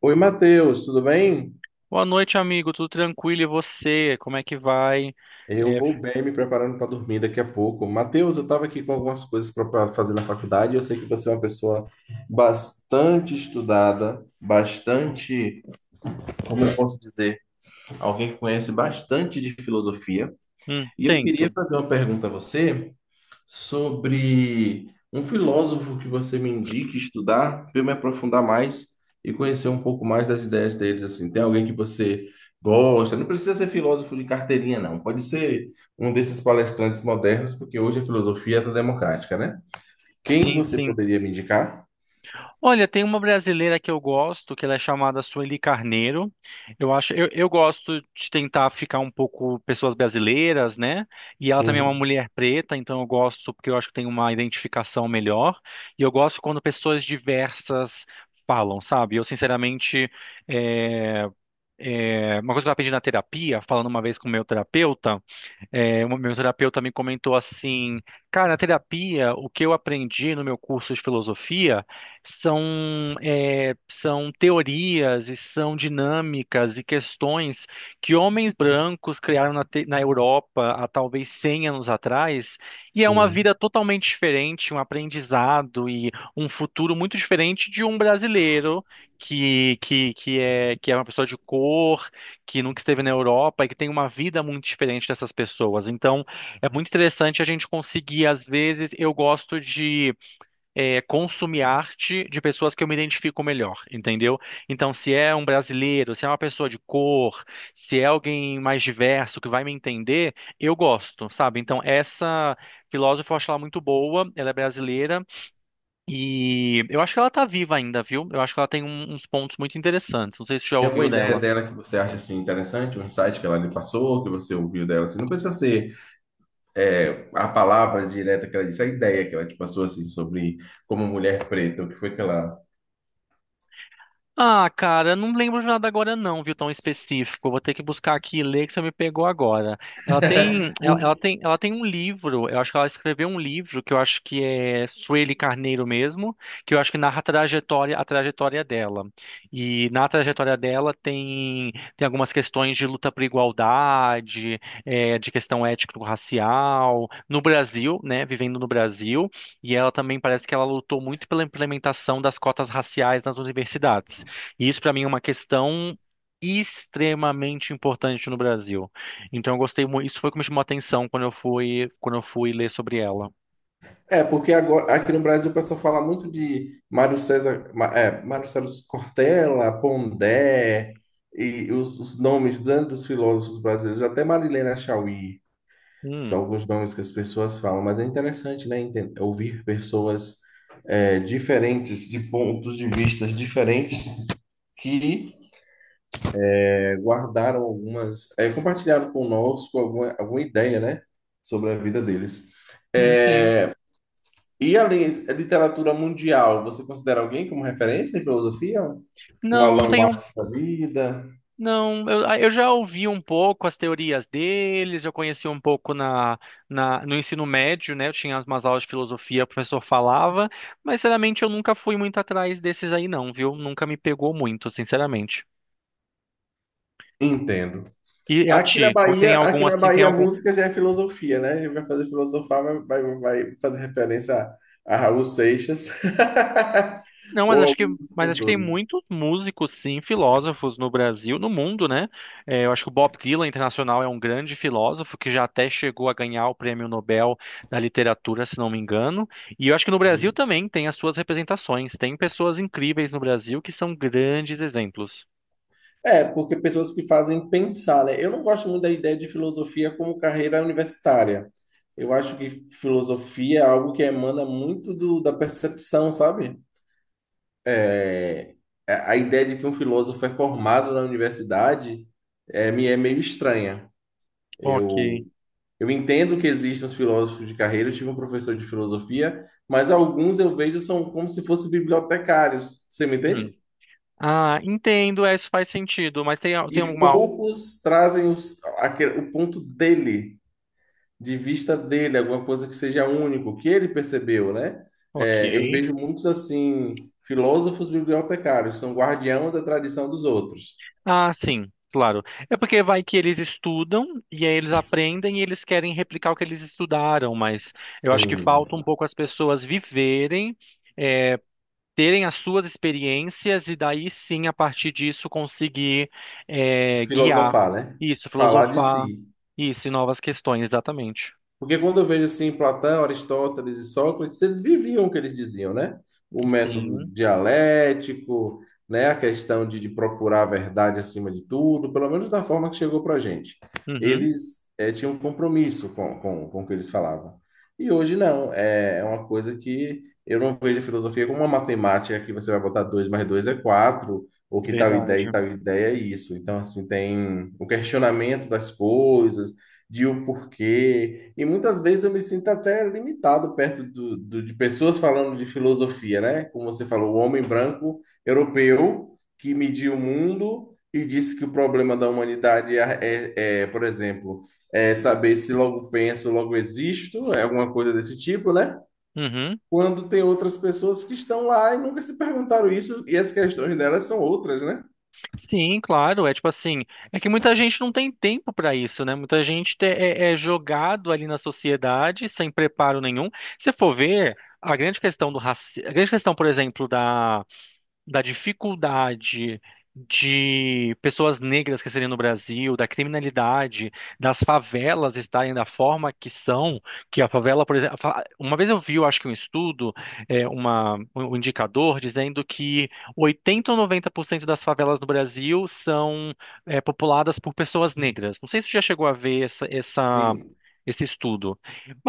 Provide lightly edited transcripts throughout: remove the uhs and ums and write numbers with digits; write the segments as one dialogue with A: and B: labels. A: Oi, Matheus, tudo bem?
B: Boa noite, amigo. Tudo tranquilo? E você? Como é que vai?
A: Eu
B: É,
A: vou bem, me preparando para dormir daqui a pouco. Matheus, eu estava aqui com algumas coisas para fazer na faculdade. Eu sei que você é uma pessoa bastante estudada, bastante, como eu posso dizer, alguém que conhece bastante de filosofia. E eu queria
B: tento.
A: fazer uma pergunta a você, sobre um filósofo que você me indique estudar, para eu me aprofundar mais e conhecer um pouco mais das ideias deles, assim. Tem alguém que você gosta? Não precisa ser filósofo de carteirinha, não. Pode ser um desses palestrantes modernos, porque hoje a filosofia é toda democrática, né? Quem
B: Sim,
A: você
B: sim.
A: poderia me indicar?
B: Olha, tem uma brasileira que eu gosto, que ela é chamada Sueli Carneiro. Eu gosto de tentar ficar um pouco pessoas brasileiras, né? E ela também é uma
A: Sim,
B: mulher preta, então eu gosto porque eu acho que tem uma identificação melhor. E eu gosto quando pessoas diversas falam, sabe? Sinceramente, é, uma coisa que eu aprendi na terapia, falando uma vez com o meu terapeuta. O meu terapeuta me comentou assim, cara, na terapia, o que eu aprendi no meu curso de filosofia são, são teorias e são dinâmicas e questões que homens brancos criaram na Europa há talvez 100 anos atrás, e é uma
A: sim.
B: vida totalmente diferente, um aprendizado e um futuro muito diferente de um brasileiro que é uma pessoa de cor que nunca esteve na Europa e que tem uma vida muito diferente dessas pessoas. Então, é muito interessante a gente conseguir, às vezes, eu gosto de consumir arte de pessoas que eu me identifico melhor, entendeu? Então, se é um brasileiro, se é uma pessoa de cor, se é alguém mais diverso que vai me entender, eu gosto, sabe? Então, essa filósofa eu acho ela muito boa, ela é brasileira e eu acho que ela tá viva ainda, viu? Eu acho que ela tem uns pontos muito interessantes. Não sei se você já
A: Tem alguma
B: ouviu
A: ideia
B: dela.
A: dela que você acha assim interessante, um insight que ela lhe passou, que você ouviu dela? Assim, não precisa ser a palavra direta que ela disse, a ideia que ela te passou assim sobre como mulher preta, o que foi que ela.
B: Ah, cara, eu não lembro de nada agora não, viu, tão específico. Eu vou ter que buscar aqui e ler que você me pegou agora. Ela tem, ela,
A: Por-
B: ela tem, ela tem um livro, eu acho que ela escreveu um livro que eu acho que é Sueli Carneiro mesmo, que eu acho que narra a trajetória dela. E na trajetória dela tem algumas questões de luta por igualdade, de questão étnico-racial, no Brasil, né, vivendo no Brasil, e ela também parece que ela lutou muito pela implementação das cotas raciais nas universidades. E isso para mim é uma questão extremamente importante no Brasil. Então eu gostei muito, isso foi o que me chamou a atenção quando eu fui ler sobre ela.
A: é, porque agora aqui no Brasil o pessoal fala muito de Mário César, Mário César Cortella, Pondé e os nomes tanto dos filósofos brasileiros, até Marilena Chauí, são
B: Hum,
A: alguns nomes que as pessoas falam, mas é interessante, né, ouvir pessoas diferentes, de pontos de vistas diferentes que é, guardaram algumas, é, compartilharam conosco alguma, alguma ideia, né, sobre a vida deles.
B: sim, sim.
A: É, e além da literatura mundial, você considera alguém como referência em filosofia? Um
B: Não
A: Allan
B: tenho,
A: Marx da vida?
B: não, eu, eu já ouvi um pouco as teorias deles, eu conheci um pouco na, na no ensino médio, né? Eu tinha umas aulas de filosofia, o professor falava, mas sinceramente eu nunca fui muito atrás desses aí não, viu? Nunca me pegou muito, sinceramente.
A: Entendo.
B: E a ti, tem
A: Aqui
B: algum
A: na
B: assim, tem
A: Bahia a
B: algum.
A: música já é filosofia, né? Ele vai fazer filosofar, vai fazer referência a Raul Seixas
B: Não, mas
A: ou a
B: acho que,
A: alguns dos
B: mas acho que tem
A: cantores.
B: muitos músicos, sim, filósofos no Brasil, no mundo, né? Eu acho que o Bob Dylan internacional é um grande filósofo que já até chegou a ganhar o Prêmio Nobel da Literatura, se não me engano. E eu acho que no Brasil também tem as suas representações. Tem pessoas incríveis no Brasil que são grandes exemplos.
A: É, porque pessoas que fazem pensar, né? Eu não gosto muito da ideia de filosofia como carreira universitária. Eu acho que filosofia é algo que emana muito da percepção, sabe? É, a ideia de que um filósofo é formado na universidade é, me é meio estranha.
B: Ok.
A: Eu, eu entendo que existem os filósofos de carreira, eu tive um professor de filosofia, mas alguns eu vejo são como se fossem bibliotecários, você me
B: Hum.
A: entende?
B: Ah, entendo, é, isso faz sentido, mas tem,
A: E
B: tem alguma.
A: poucos trazem o ponto dele de vista dele, alguma coisa que seja único, que ele percebeu, né?
B: Ok.
A: É, eu vejo muitos assim, filósofos bibliotecários, são guardião da tradição dos outros.
B: Ah, sim, claro. É porque vai que eles estudam e aí eles aprendem e eles querem replicar o que eles estudaram, mas eu acho que
A: Sim,
B: falta um pouco as pessoas viverem, é, terem as suas experiências e daí sim, a partir disso, guiar
A: filosofar, né?
B: isso,
A: Falar de
B: filosofar
A: si.
B: isso e novas questões, exatamente.
A: Porque quando eu vejo assim Platão, Aristóteles e Sócrates, eles viviam o que eles diziam, né? O método
B: Sim,
A: dialético, né? A questão de procurar a verdade acima de tudo, pelo menos da forma que chegou para a gente.
B: uhum,
A: Eles tinham um compromisso com o que eles falavam. E hoje não, é uma coisa que eu não vejo a filosofia como uma matemática que você vai botar 2 mais 2 é 4 ou que tal ideia e
B: verdade.
A: tal ideia é isso. Então, assim, tem o questionamento das coisas, de o porquê. E muitas vezes eu me sinto até limitado perto de pessoas falando de filosofia, né? Como você falou, o homem branco europeu que mediu o mundo e disse que o problema da humanidade é, por exemplo, é saber se logo penso, logo existo, é alguma coisa desse tipo, né?
B: Uhum.
A: Quando tem outras pessoas que estão lá e nunca se perguntaram isso, e as questões delas são outras, né?
B: Sim, claro, é tipo assim, é que muita gente não tem tempo para isso, né? Muita gente é jogado ali na sociedade sem preparo nenhum. Se for ver, a grande questão do racismo, a grande questão, por exemplo, da dificuldade de pessoas negras crescerem no Brasil, da criminalidade, das favelas estarem da forma que são, que a favela, por exemplo, uma vez eu vi, eu acho que um estudo, é, uma, um um indicador dizendo que 80 ou 90% das favelas no Brasil são, populadas por pessoas negras. Não sei se você já chegou a ver
A: Sim,
B: esse estudo.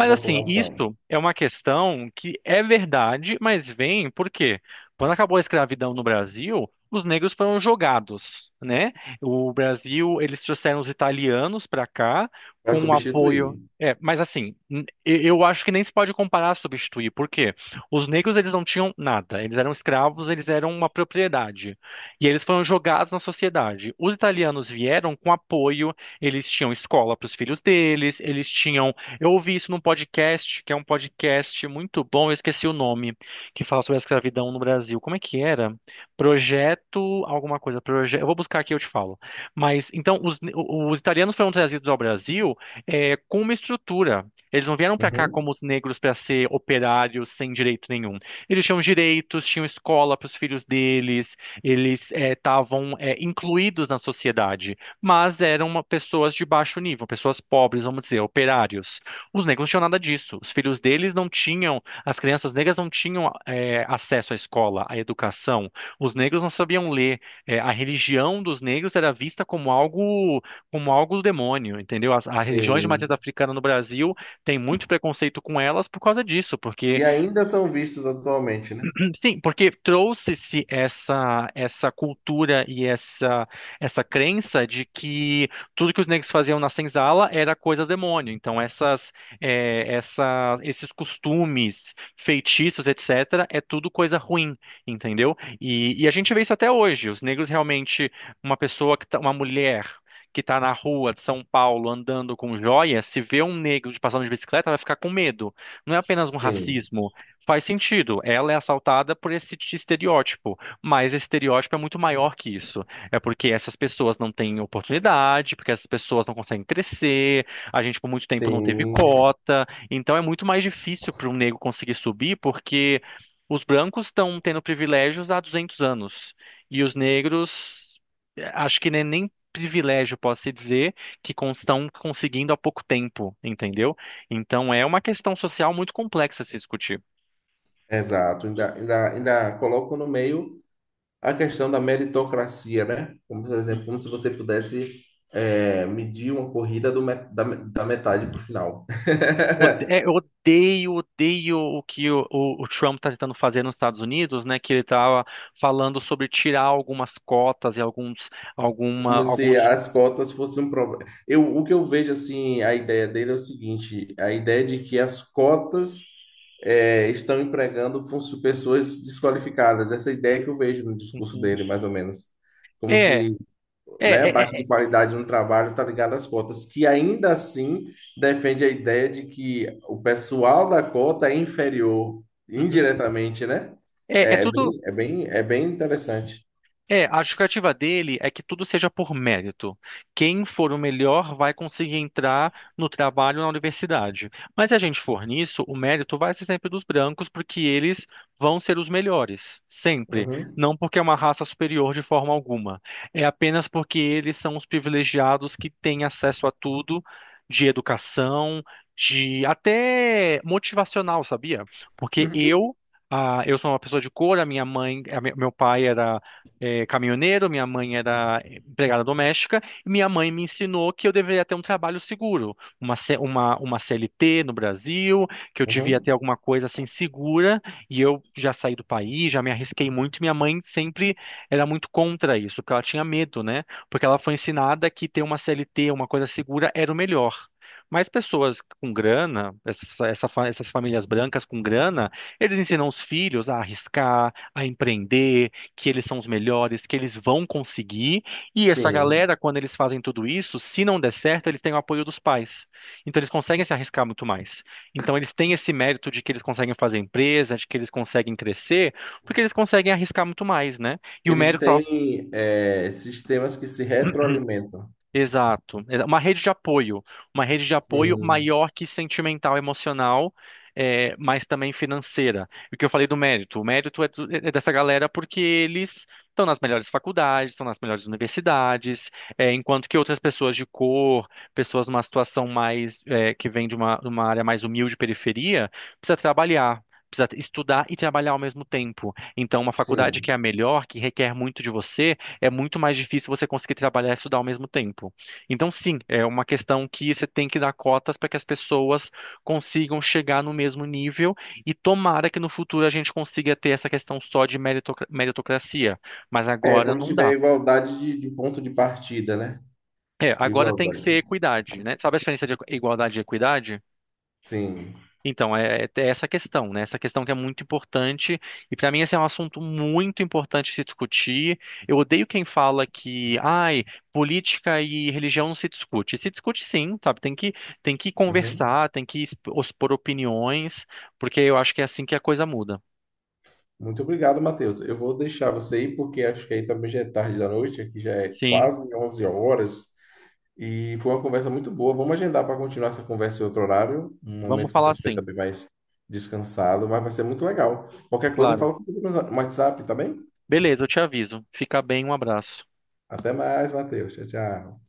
A: a
B: assim, isso
A: população.
B: é uma questão que é verdade, mas vem por quê? Quando acabou a escravidão no Brasil, os negros foram jogados, né? O Brasil, eles trouxeram os italianos para cá
A: Para
B: com o apoio.
A: substituir.
B: É, mas assim, eu acho que nem se pode comparar a substituir, porque os negros eles não tinham nada, eles eram escravos, eles eram uma propriedade e eles foram jogados na sociedade. Os italianos vieram com apoio, eles tinham escola para os filhos deles, eles tinham. Eu ouvi isso num podcast que é um podcast muito bom, eu esqueci o nome que fala sobre a escravidão no Brasil. Como é que era? Projeto alguma coisa, projeto. Eu vou buscar aqui e eu te falo. Mas então os italianos foram trazidos ao Brasil com uma estrutura. Eles não vieram para cá
A: Uhum.
B: como os negros para ser operários sem direito nenhum. Eles tinham direitos, tinham escola para os filhos deles, eles estavam incluídos na sociedade, mas eram pessoas de baixo nível, pessoas pobres, vamos dizer, operários. Os negros não tinham nada disso. Os filhos deles não tinham. As crianças negras não tinham acesso à escola, à educação. Os negros não sabiam ler. A religião dos negros era vista como algo do demônio, entendeu? As religiões de matriz
A: Sim.
B: africana no Brasil têm muito preconceito com elas por causa disso, porque
A: E ainda são vistos atualmente, né?
B: hum, sim, porque trouxe-se essa cultura e essa crença de que tudo que os negros faziam na senzala era coisa do demônio. Então essas eh, essa esses costumes, feitiços, etc, é tudo coisa ruim, entendeu? E a gente vê isso até hoje. Os negros realmente uma pessoa que tá, uma mulher que está na rua de São Paulo andando com joia, se vê um negro de passando de bicicleta, vai ficar com medo. Não é apenas um
A: Sim,
B: racismo. Faz sentido. Ela é assaltada por esse estereótipo, mas esse estereótipo é muito maior que isso. É porque essas pessoas não têm oportunidade, porque essas pessoas não conseguem crescer, a gente por muito tempo não teve
A: sim,
B: cota, então é muito mais difícil para um negro conseguir subir, porque os brancos estão tendo privilégios há 200 anos e os negros, acho que nem privilégio posso se dizer que estão conseguindo há pouco tempo, entendeu? Então é uma questão social muito complexa a se discutir.
A: exato. Ainda colocam no meio a questão da meritocracia, né? Como, por exemplo, como se você pudesse medir uma corrida da metade para o final.
B: Eu odeio, odeio o que o Trump está tentando fazer nos Estados Unidos, né? Que ele estava falando sobre tirar algumas cotas e
A: Como se
B: alguns.
A: as cotas fossem um problema. Eu, o que eu vejo, assim, a ideia dele é o seguinte: a ideia de que as cotas estão empregando pessoas desqualificadas. Essa ideia que eu vejo no discurso
B: Uhum.
A: dele, mais ou menos.
B: É,
A: Como
B: é,
A: se, né, a
B: é,
A: baixa
B: é,
A: de
B: é,
A: qualidade no trabalho está ligada às cotas, que ainda assim defende a ideia de que o pessoal da cota é inferior,
B: uhum.
A: indiretamente, né?
B: É, é
A: É,
B: tudo.
A: é bem interessante.
B: É, a justificativa dele é que tudo seja por mérito. Quem for o melhor vai conseguir entrar no trabalho na universidade. Mas se a gente for nisso, o mérito vai ser sempre dos brancos, porque eles vão ser os melhores, sempre.
A: Uhum.
B: Não porque é uma raça superior de forma alguma. É apenas porque eles são os privilegiados que têm acesso a tudo, de educação, de até motivacional, sabia? Porque eu sou uma pessoa de cor, a minha mãe, a me- meu pai era caminhoneiro, minha mãe era empregada doméstica, e minha mãe me ensinou que eu deveria ter um trabalho seguro, uma CLT no Brasil, que eu devia
A: Uhum.
B: ter alguma coisa assim segura, e eu já saí do país, já me arrisquei muito, e minha mãe sempre era muito contra isso, porque ela tinha medo, né? Porque ela foi ensinada que ter uma CLT, uma coisa segura, era o melhor. Mas pessoas com grana, essas famílias brancas com grana, eles ensinam os filhos a arriscar, a empreender, que eles são os melhores, que eles vão conseguir. E essa
A: Sim.
B: galera, quando eles fazem tudo isso, se não der certo, eles têm o apoio dos pais. Então eles conseguem se arriscar muito mais. Então eles têm esse mérito de que eles conseguem fazer empresa, de que eles conseguem crescer, porque eles conseguem arriscar muito mais, né? E o
A: Eles
B: mérito, ó,
A: têm é, sistemas que se retroalimentam.
B: exato. Uma rede de apoio. Uma rede de apoio
A: Sim,
B: maior que sentimental, emocional, mas também financeira. E o que eu falei do mérito? O mérito é dessa galera porque eles estão nas melhores faculdades, estão nas melhores universidades, enquanto que outras pessoas de cor, pessoas numa situação mais, que vem de de uma área mais humilde, periferia, precisa trabalhar. Precisa estudar e trabalhar ao mesmo tempo. Então, uma faculdade que é
A: sim.
B: a melhor, que requer muito de você, é muito mais difícil você conseguir trabalhar e estudar ao mesmo tempo. Então, sim, é uma questão que você tem que dar cotas para que as pessoas consigam chegar no mesmo nível e tomara que no futuro a gente consiga ter essa questão só de meritocracia. Mas
A: É,
B: agora
A: quando
B: não
A: tiver
B: dá.
A: igualdade de ponto de partida, né?
B: É, agora tem que ser
A: Igualdade.
B: equidade, né? Sabe a diferença de igualdade e equidade?
A: Sim.
B: Então, é essa questão, né? Essa questão que é muito importante. E para mim, esse é um assunto muito importante se discutir. Eu odeio quem fala que, ai, política e religião não se discute. Se discute sim, sabe? Tem que
A: Uhum.
B: conversar, tem que expor opiniões, porque eu acho que é assim que a coisa muda.
A: Muito obrigado, Matheus. Eu vou deixar você ir, porque acho que aí também já é tarde da noite, aqui já é
B: Sim,
A: quase 11 horas. E foi uma conversa muito boa. Vamos agendar para continuar essa conversa em outro horário, um
B: vamos
A: momento que você
B: falar
A: estiver
B: sim,
A: também mais descansado, mas vai ser muito legal. Qualquer coisa,
B: claro.
A: fala comigo no WhatsApp, tá bem?
B: Beleza, eu te aviso. Fica bem, um abraço.
A: Até mais, Matheus. Tchau, tchau.